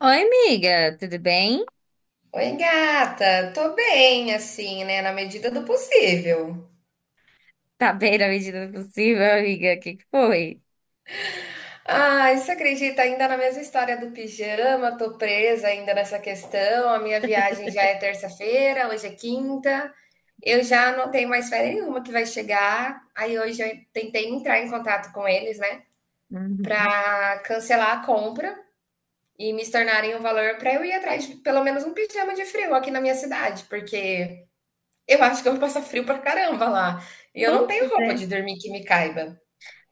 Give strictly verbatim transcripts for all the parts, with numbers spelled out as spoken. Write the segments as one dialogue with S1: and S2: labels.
S1: Oi, amiga, tudo bem?
S2: Oi, gata. Tô bem, assim, né? Na medida do possível.
S1: Tá bem na medida do possível, amiga? O que que foi?
S2: Ai, você acredita? Ainda na mesma história do pijama, tô presa ainda nessa questão. A minha viagem já é terça-feira, hoje é quinta. Eu já não tenho mais férias nenhuma que vai chegar. Aí hoje eu tentei entrar em contato com eles, né?
S1: Uhum.
S2: Pra cancelar a compra e me tornarem um valor pra eu ir atrás de pelo menos um pijama de frio aqui na minha cidade, porque. Eu acho que eu vou passar frio pra caramba lá. E eu
S1: Pois
S2: não tenho roupa
S1: é.
S2: de dormir que me caiba.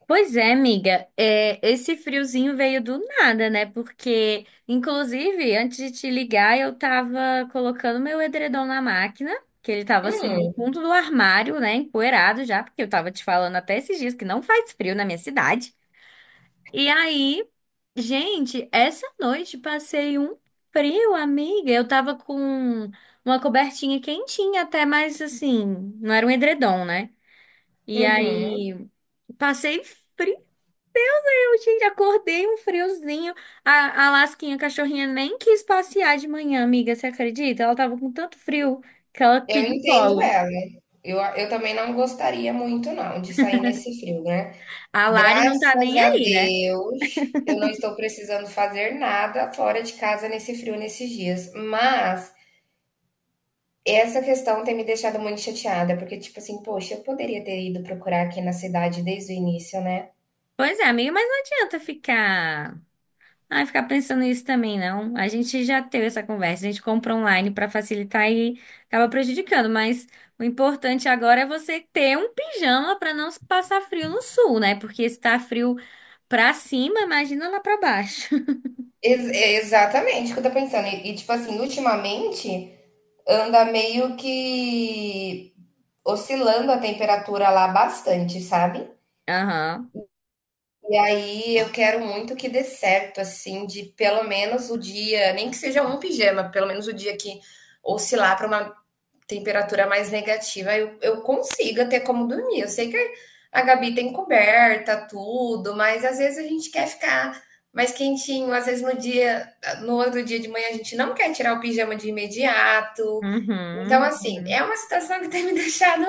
S1: Pois é, amiga. É, esse friozinho veio do nada, né? Porque, inclusive, antes de te ligar, eu tava colocando meu edredom na máquina, que ele tava assim no
S2: Hum,
S1: fundo do armário, né? Empoeirado já, porque eu tava te falando até esses dias que não faz frio na minha cidade. E aí, gente, essa noite passei um frio, amiga. Eu tava com uma cobertinha quentinha até, mas assim, não era um edredom, né? E
S2: uhum.
S1: aí, passei frio, gente, acordei um friozinho. A, a Lasquinha, a cachorrinha, nem quis passear de manhã, amiga, você acredita? Ela tava com tanto frio que ela
S2: Eu
S1: pediu
S2: entendo
S1: colo.
S2: ela. Eu, eu também não gostaria muito, não, de sair nesse frio, né?
S1: A Lari não tá
S2: Graças
S1: nem
S2: a
S1: aí, né?
S2: Deus, eu não estou precisando fazer nada fora de casa nesse frio, nesses dias. Mas essa questão tem me deixado muito chateada, porque, tipo assim, poxa, eu poderia ter ido procurar aqui na cidade desde o início, né?
S1: Pois é, amiga, mas não adianta ficar. Ai, ficar pensando nisso também, não. A gente já teve essa conversa, a gente compra online para facilitar e acaba prejudicando, mas o importante agora é você ter um pijama para não passar frio no sul, né? Porque está frio pra cima, imagina lá pra baixo.
S2: Ex- é exatamente o que eu tô pensando. E, e, tipo assim, ultimamente, anda meio que oscilando a temperatura lá bastante, sabe?
S1: Aham.
S2: E aí eu quero muito que dê certo, assim, de pelo menos o dia, nem que seja um pijama, pelo menos o dia que oscilar para uma temperatura mais negativa, eu, eu consiga ter como dormir. Eu sei que a Gabi tem coberta, tudo, mas às vezes a gente quer ficar mais quentinho, às vezes no dia, no outro dia de manhã a gente não quer tirar o pijama de imediato. Então,
S1: Uhum.
S2: assim, é
S1: Uhum.
S2: uma situação que tem me deixado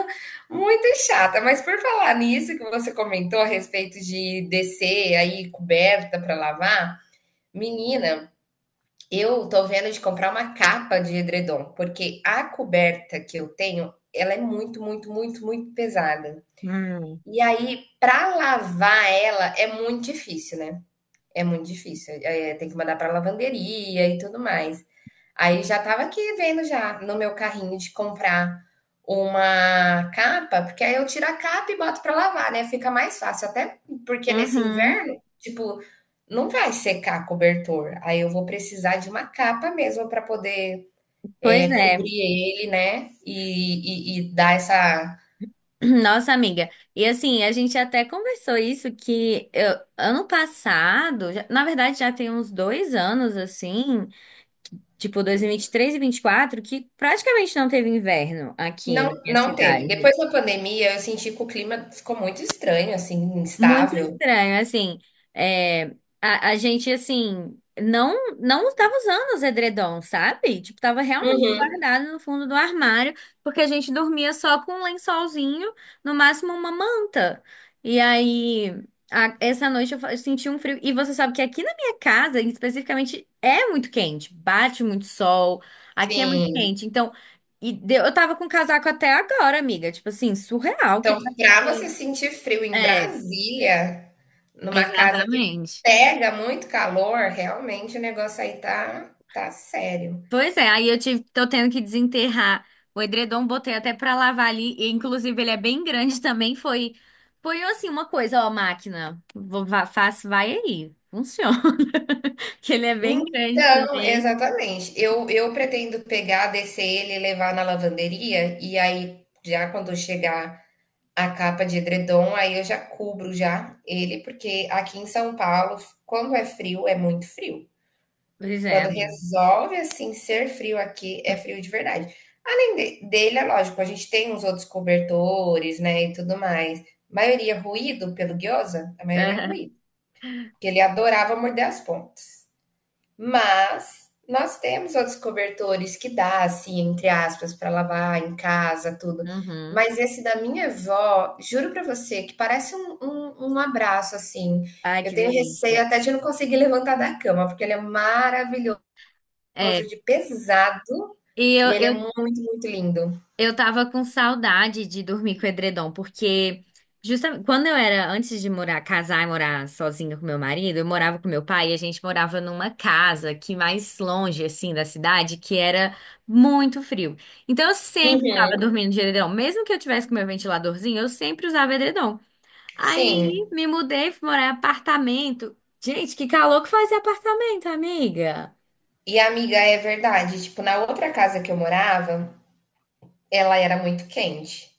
S2: muito chata. Mas por falar nisso que você comentou a respeito de descer aí coberta para lavar, menina, eu tô vendo de comprar uma capa de edredom, porque a coberta que eu tenho, ela é muito, muito, muito, muito pesada.
S1: Uhum.
S2: E aí, para lavar ela é muito difícil, né? É muito difícil, eh, tem que mandar para lavanderia e tudo mais. Aí já estava aqui vendo já no meu carrinho de comprar uma capa, porque aí eu tiro a capa e boto para lavar, né, fica mais fácil, até porque nesse
S1: Uhum.
S2: inverno, tipo, não vai secar cobertor, aí eu vou precisar de uma capa mesmo para poder,
S1: Pois
S2: eh,
S1: é,
S2: cobrir ele, né, e e e dar essa
S1: nossa amiga. E assim, a gente até conversou isso que eu- ano passado, já- na verdade já tem uns dois anos assim. Tipo dois mil e vinte vinte e dois mil e vinte e três quatro que praticamente não teve inverno aqui
S2: não
S1: na minha
S2: não teve.
S1: cidade.
S2: Depois da pandemia eu senti que o clima ficou muito estranho, assim,
S1: Muito
S2: instável.
S1: estranho, assim, é, a, a gente, assim, não não estava usando os edredons, sabe? Tipo, tava realmente
S2: Uhum.
S1: guardado no fundo do armário, porque a gente dormia só com um lençolzinho, no máximo uma manta. E aí, a- essa noite eu, fa- eu senti um frio, e você sabe que aqui na minha casa, especificamente, é muito quente, bate muito sol, aqui é muito
S2: Sim.
S1: quente, então, e deu- eu tava com casaco até agora, amiga, tipo assim, surreal que
S2: Então,
S1: tá
S2: para você
S1: aqui.
S2: sentir frio em
S1: É.
S2: Brasília, numa casa que
S1: Exatamente.
S2: pega muito calor, realmente o negócio aí tá tá sério.
S1: Pois é, aí eu tive, tô tendo que desenterrar o edredom, botei até pra lavar ali, e inclusive ele é bem grande também, foi foi assim uma coisa, ó, máquina, vou, vá, faço, vai aí, funciona, que ele é bem grande
S2: Então
S1: também.
S2: exatamente. Eu eu pretendo pegar, descer ele e levar na lavanderia, e aí, já quando chegar a capa de edredom, aí eu já cubro já ele, porque aqui em São Paulo, quando é frio, é muito frio.
S1: Pois é,
S2: Quando
S1: amigo.
S2: resolve, assim, ser frio aqui, é frio de verdade. Além de- dele, é lógico, a gente tem uns outros cobertores, né, e tudo mais. Maioria ruído pelo Gyoza, a maioria é ruído, porque ele adorava morder as pontas. Mas nós temos outros cobertores que dá, assim, entre aspas, para lavar em casa, tudo.
S1: Uhum.
S2: Mas esse da minha avó, juro para você, que parece um, um, um abraço, assim.
S1: Ai,
S2: Eu
S1: que
S2: tenho receio
S1: delícia.
S2: até de não conseguir levantar da cama, porque ele é maravilhoso famoso
S1: É,
S2: de pesado
S1: e eu,
S2: e ele é
S1: eu
S2: muito, muito lindo.
S1: Eu tava com saudade de dormir com edredom, porque justamente quando eu era antes de morar, casar e morar sozinha com meu marido, eu morava com meu pai e a gente morava numa casa que mais longe assim da cidade, que era muito frio. Então eu sempre tava
S2: Uhum.
S1: dormindo de edredom, mesmo que eu tivesse com meu ventiladorzinho, eu sempre usava edredom. Aí
S2: Sim.
S1: me mudei, fui morar em apartamento. Gente, que calor que fazia apartamento, amiga.
S2: E amiga, é verdade. Tipo, na outra casa que eu morava, ela era muito quente,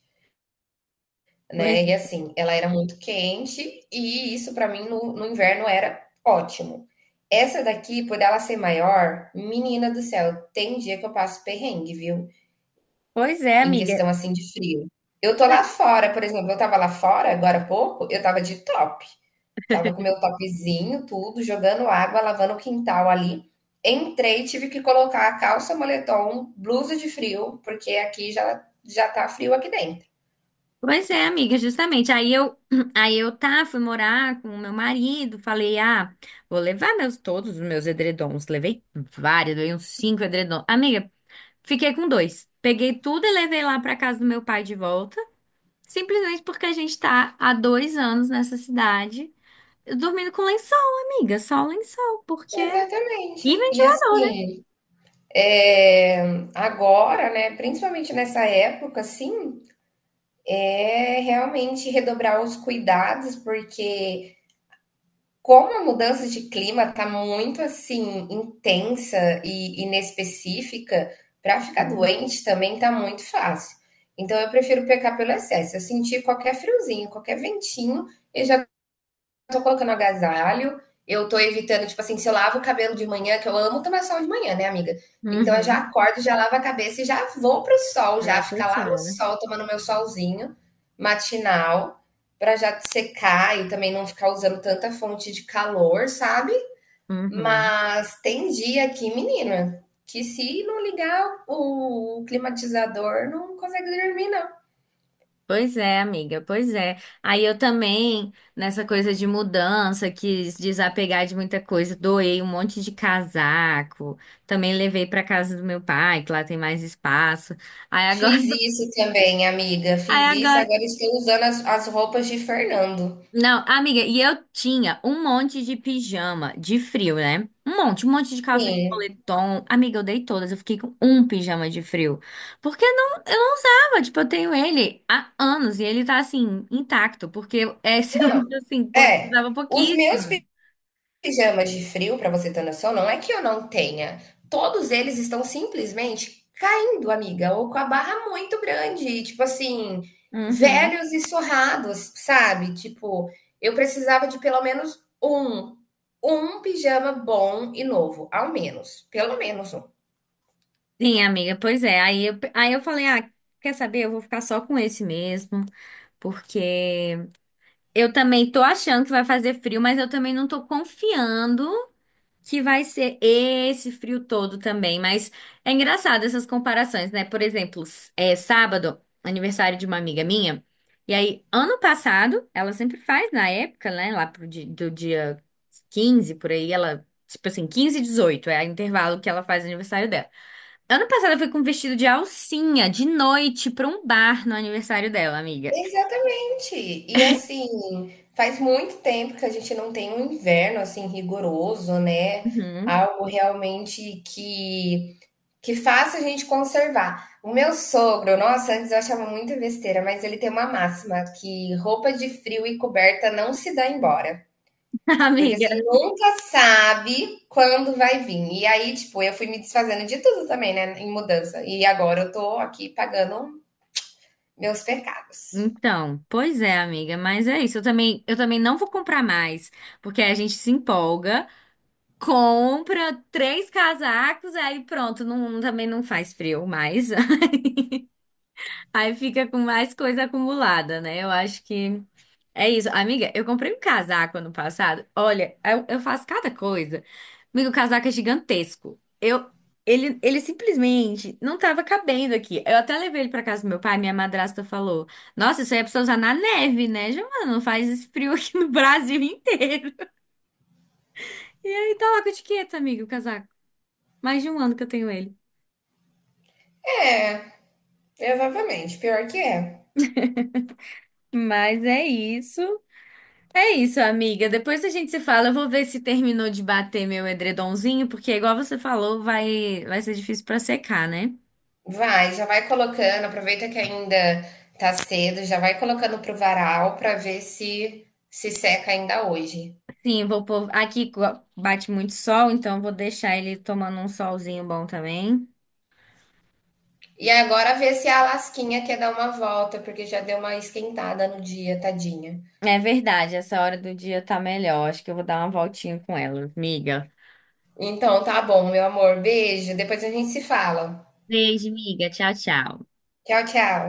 S2: né?
S1: Pois,
S2: E assim, ela era muito quente e isso pra mim no, no inverno era ótimo. Essa daqui, por ela ser maior, menina do céu, tem dia que eu passo perrengue, viu?
S1: pois é,
S2: Em
S1: amiga.
S2: questão assim de frio. Eu tô lá fora, por exemplo, eu tava lá fora agora há pouco, eu tava de top. Tava com meu topzinho, tudo, jogando água, lavando o quintal ali. Entrei, tive que colocar a calça, moletom, blusa de frio, porque aqui já já tá frio aqui dentro.
S1: Pois é, amiga, justamente. Aí eu, aí eu tá, fui morar com o meu marido, falei, ah, vou levar meus todos os meus edredons. Levei vários, levei uns cinco edredons. Amiga, fiquei com dois. Peguei tudo e levei lá pra casa do meu pai de volta, simplesmente porque a gente tá há dois anos nessa cidade, dormindo com lençol, amiga, só lençol, porque e
S2: Exatamente. E
S1: ventilador, né?
S2: assim, é, agora, né, principalmente nessa época, assim, é realmente redobrar os cuidados, porque como a mudança de clima está muito assim intensa e inespecífica, para ficar
S1: Uhum.
S2: doente também tá muito fácil. Então eu prefiro pecar pelo excesso. Eu senti qualquer friozinho, qualquer ventinho, eu já tô colocando agasalho, eu tô evitando, tipo assim, se eu lavo o cabelo de manhã, que eu amo tomar sol de manhã, né, amiga? Então eu já
S1: Uhum.
S2: acordo, já lavo a cabeça e já vou pro sol,
S1: Não
S2: já
S1: é
S2: ficar lá no
S1: possível, né?
S2: sol, tomando meu solzinho matinal, pra já secar e também não ficar usando tanta fonte de calor, sabe?
S1: Uhum.
S2: Mas tem dia aqui, menina, que se não ligar o climatizador, não consegue dormir, não.
S1: Pois é, amiga, pois é. Aí eu também, nessa coisa de mudança, quis desapegar de muita coisa, doei um monte de casaco, também levei para casa do meu pai, que lá tem mais espaço. Aí agora,
S2: Fiz isso também, amiga.
S1: aí
S2: Fiz isso.
S1: agora,
S2: Agora estou usando as, as roupas de Fernando.
S1: não, amiga, e eu tinha um monte de pijama de frio, né? Um monte, um monte de calça de
S2: Sim.
S1: moletom. Amiga, eu dei todas, eu fiquei com um pijama de frio. Porque não, eu não usava, tipo, eu tenho ele há anos e ele tá assim, intacto, porque esse eu,
S2: Não,
S1: assim, pô, eu
S2: é.
S1: usava
S2: Os meus
S1: pouquíssimo.
S2: pijamas de frio, para você ter noção, não é que eu não tenha. Todos eles estão simplesmente caindo, amiga, ou com a barra muito grande, tipo assim,
S1: Uhum.
S2: velhos e surrados, sabe? Tipo, eu precisava de pelo menos um, um pijama bom e novo, ao menos, pelo menos um.
S1: Sim, amiga, pois é. Aí eu, aí eu falei, ah, quer saber? Eu vou ficar só com esse mesmo, porque eu também tô achando que vai fazer frio, mas eu também não tô confiando. Que vai ser esse frio todo também, mas é engraçado essas comparações, né? Por exemplo, s- é sábado, aniversário de uma amiga minha, e aí ano passado, ela sempre faz na época, né? Lá pro di- do dia quinze por aí, ela, tipo assim, quinze e dezoito é o intervalo que ela faz aniversário dela. Ano passado eu fui com um vestido de alcinha de noite pra um bar no aniversário dela, amiga.
S2: Exatamente. E assim, faz muito tempo que a gente não tem um inverno assim rigoroso, né?
S1: Uhum.
S2: Algo realmente que que faça a gente conservar. O meu sogro, nossa, antes eu achava muita besteira, mas ele tem uma máxima que roupa de frio e coberta não se dá embora, porque você
S1: Amiga,
S2: nunca sabe quando vai vir. E aí, tipo, eu fui me desfazendo de tudo também, né, em mudança. E agora eu tô aqui pagando meus pecados.
S1: então, pois é, amiga, mas é isso. Eu também, eu também não vou comprar mais, porque a gente se empolga, compra três casacos, aí pronto, não, também não faz frio mais. Aí fica com mais coisa acumulada, né? Eu acho que é isso. Amiga, eu comprei um casaco ano passado. Olha, eu, eu faço cada coisa. Amigo, o casaco é gigantesco. Eu, ele, ele simplesmente não tava cabendo aqui. Eu até levei ele pra casa do meu pai, minha madrasta falou: Nossa, isso aí é pra você usar na neve, né, Giovana? Não faz esse frio aqui no Brasil inteiro. E aí tá lá com etiqueta, amigo, o casaco. Mais de um ano que eu tenho ele.
S2: É, exatamente, pior que é.
S1: Mas é isso. É isso, amiga. Depois a gente se fala. Eu vou ver se terminou de bater meu edredomzinho, porque igual você falou, vai vai ser difícil pra secar, né?
S2: Vai, já vai colocando, aproveita que ainda tá cedo, já vai colocando pro varal pra ver se se seca ainda hoje.
S1: Sim, eu vou pôr aqui co- bate muito sol, então eu vou deixar ele tomando um solzinho bom também.
S2: E agora ver se a Lasquinha quer dar uma volta, porque já deu uma esquentada no dia, tadinha.
S1: É verdade, essa hora do dia tá melhor. Acho que eu vou dar uma voltinha com ela, amiga.
S2: Então tá bom, meu amor, beijo, depois a gente se fala.
S1: Beijo, amiga. Tchau, tchau.
S2: Tchau, tchau.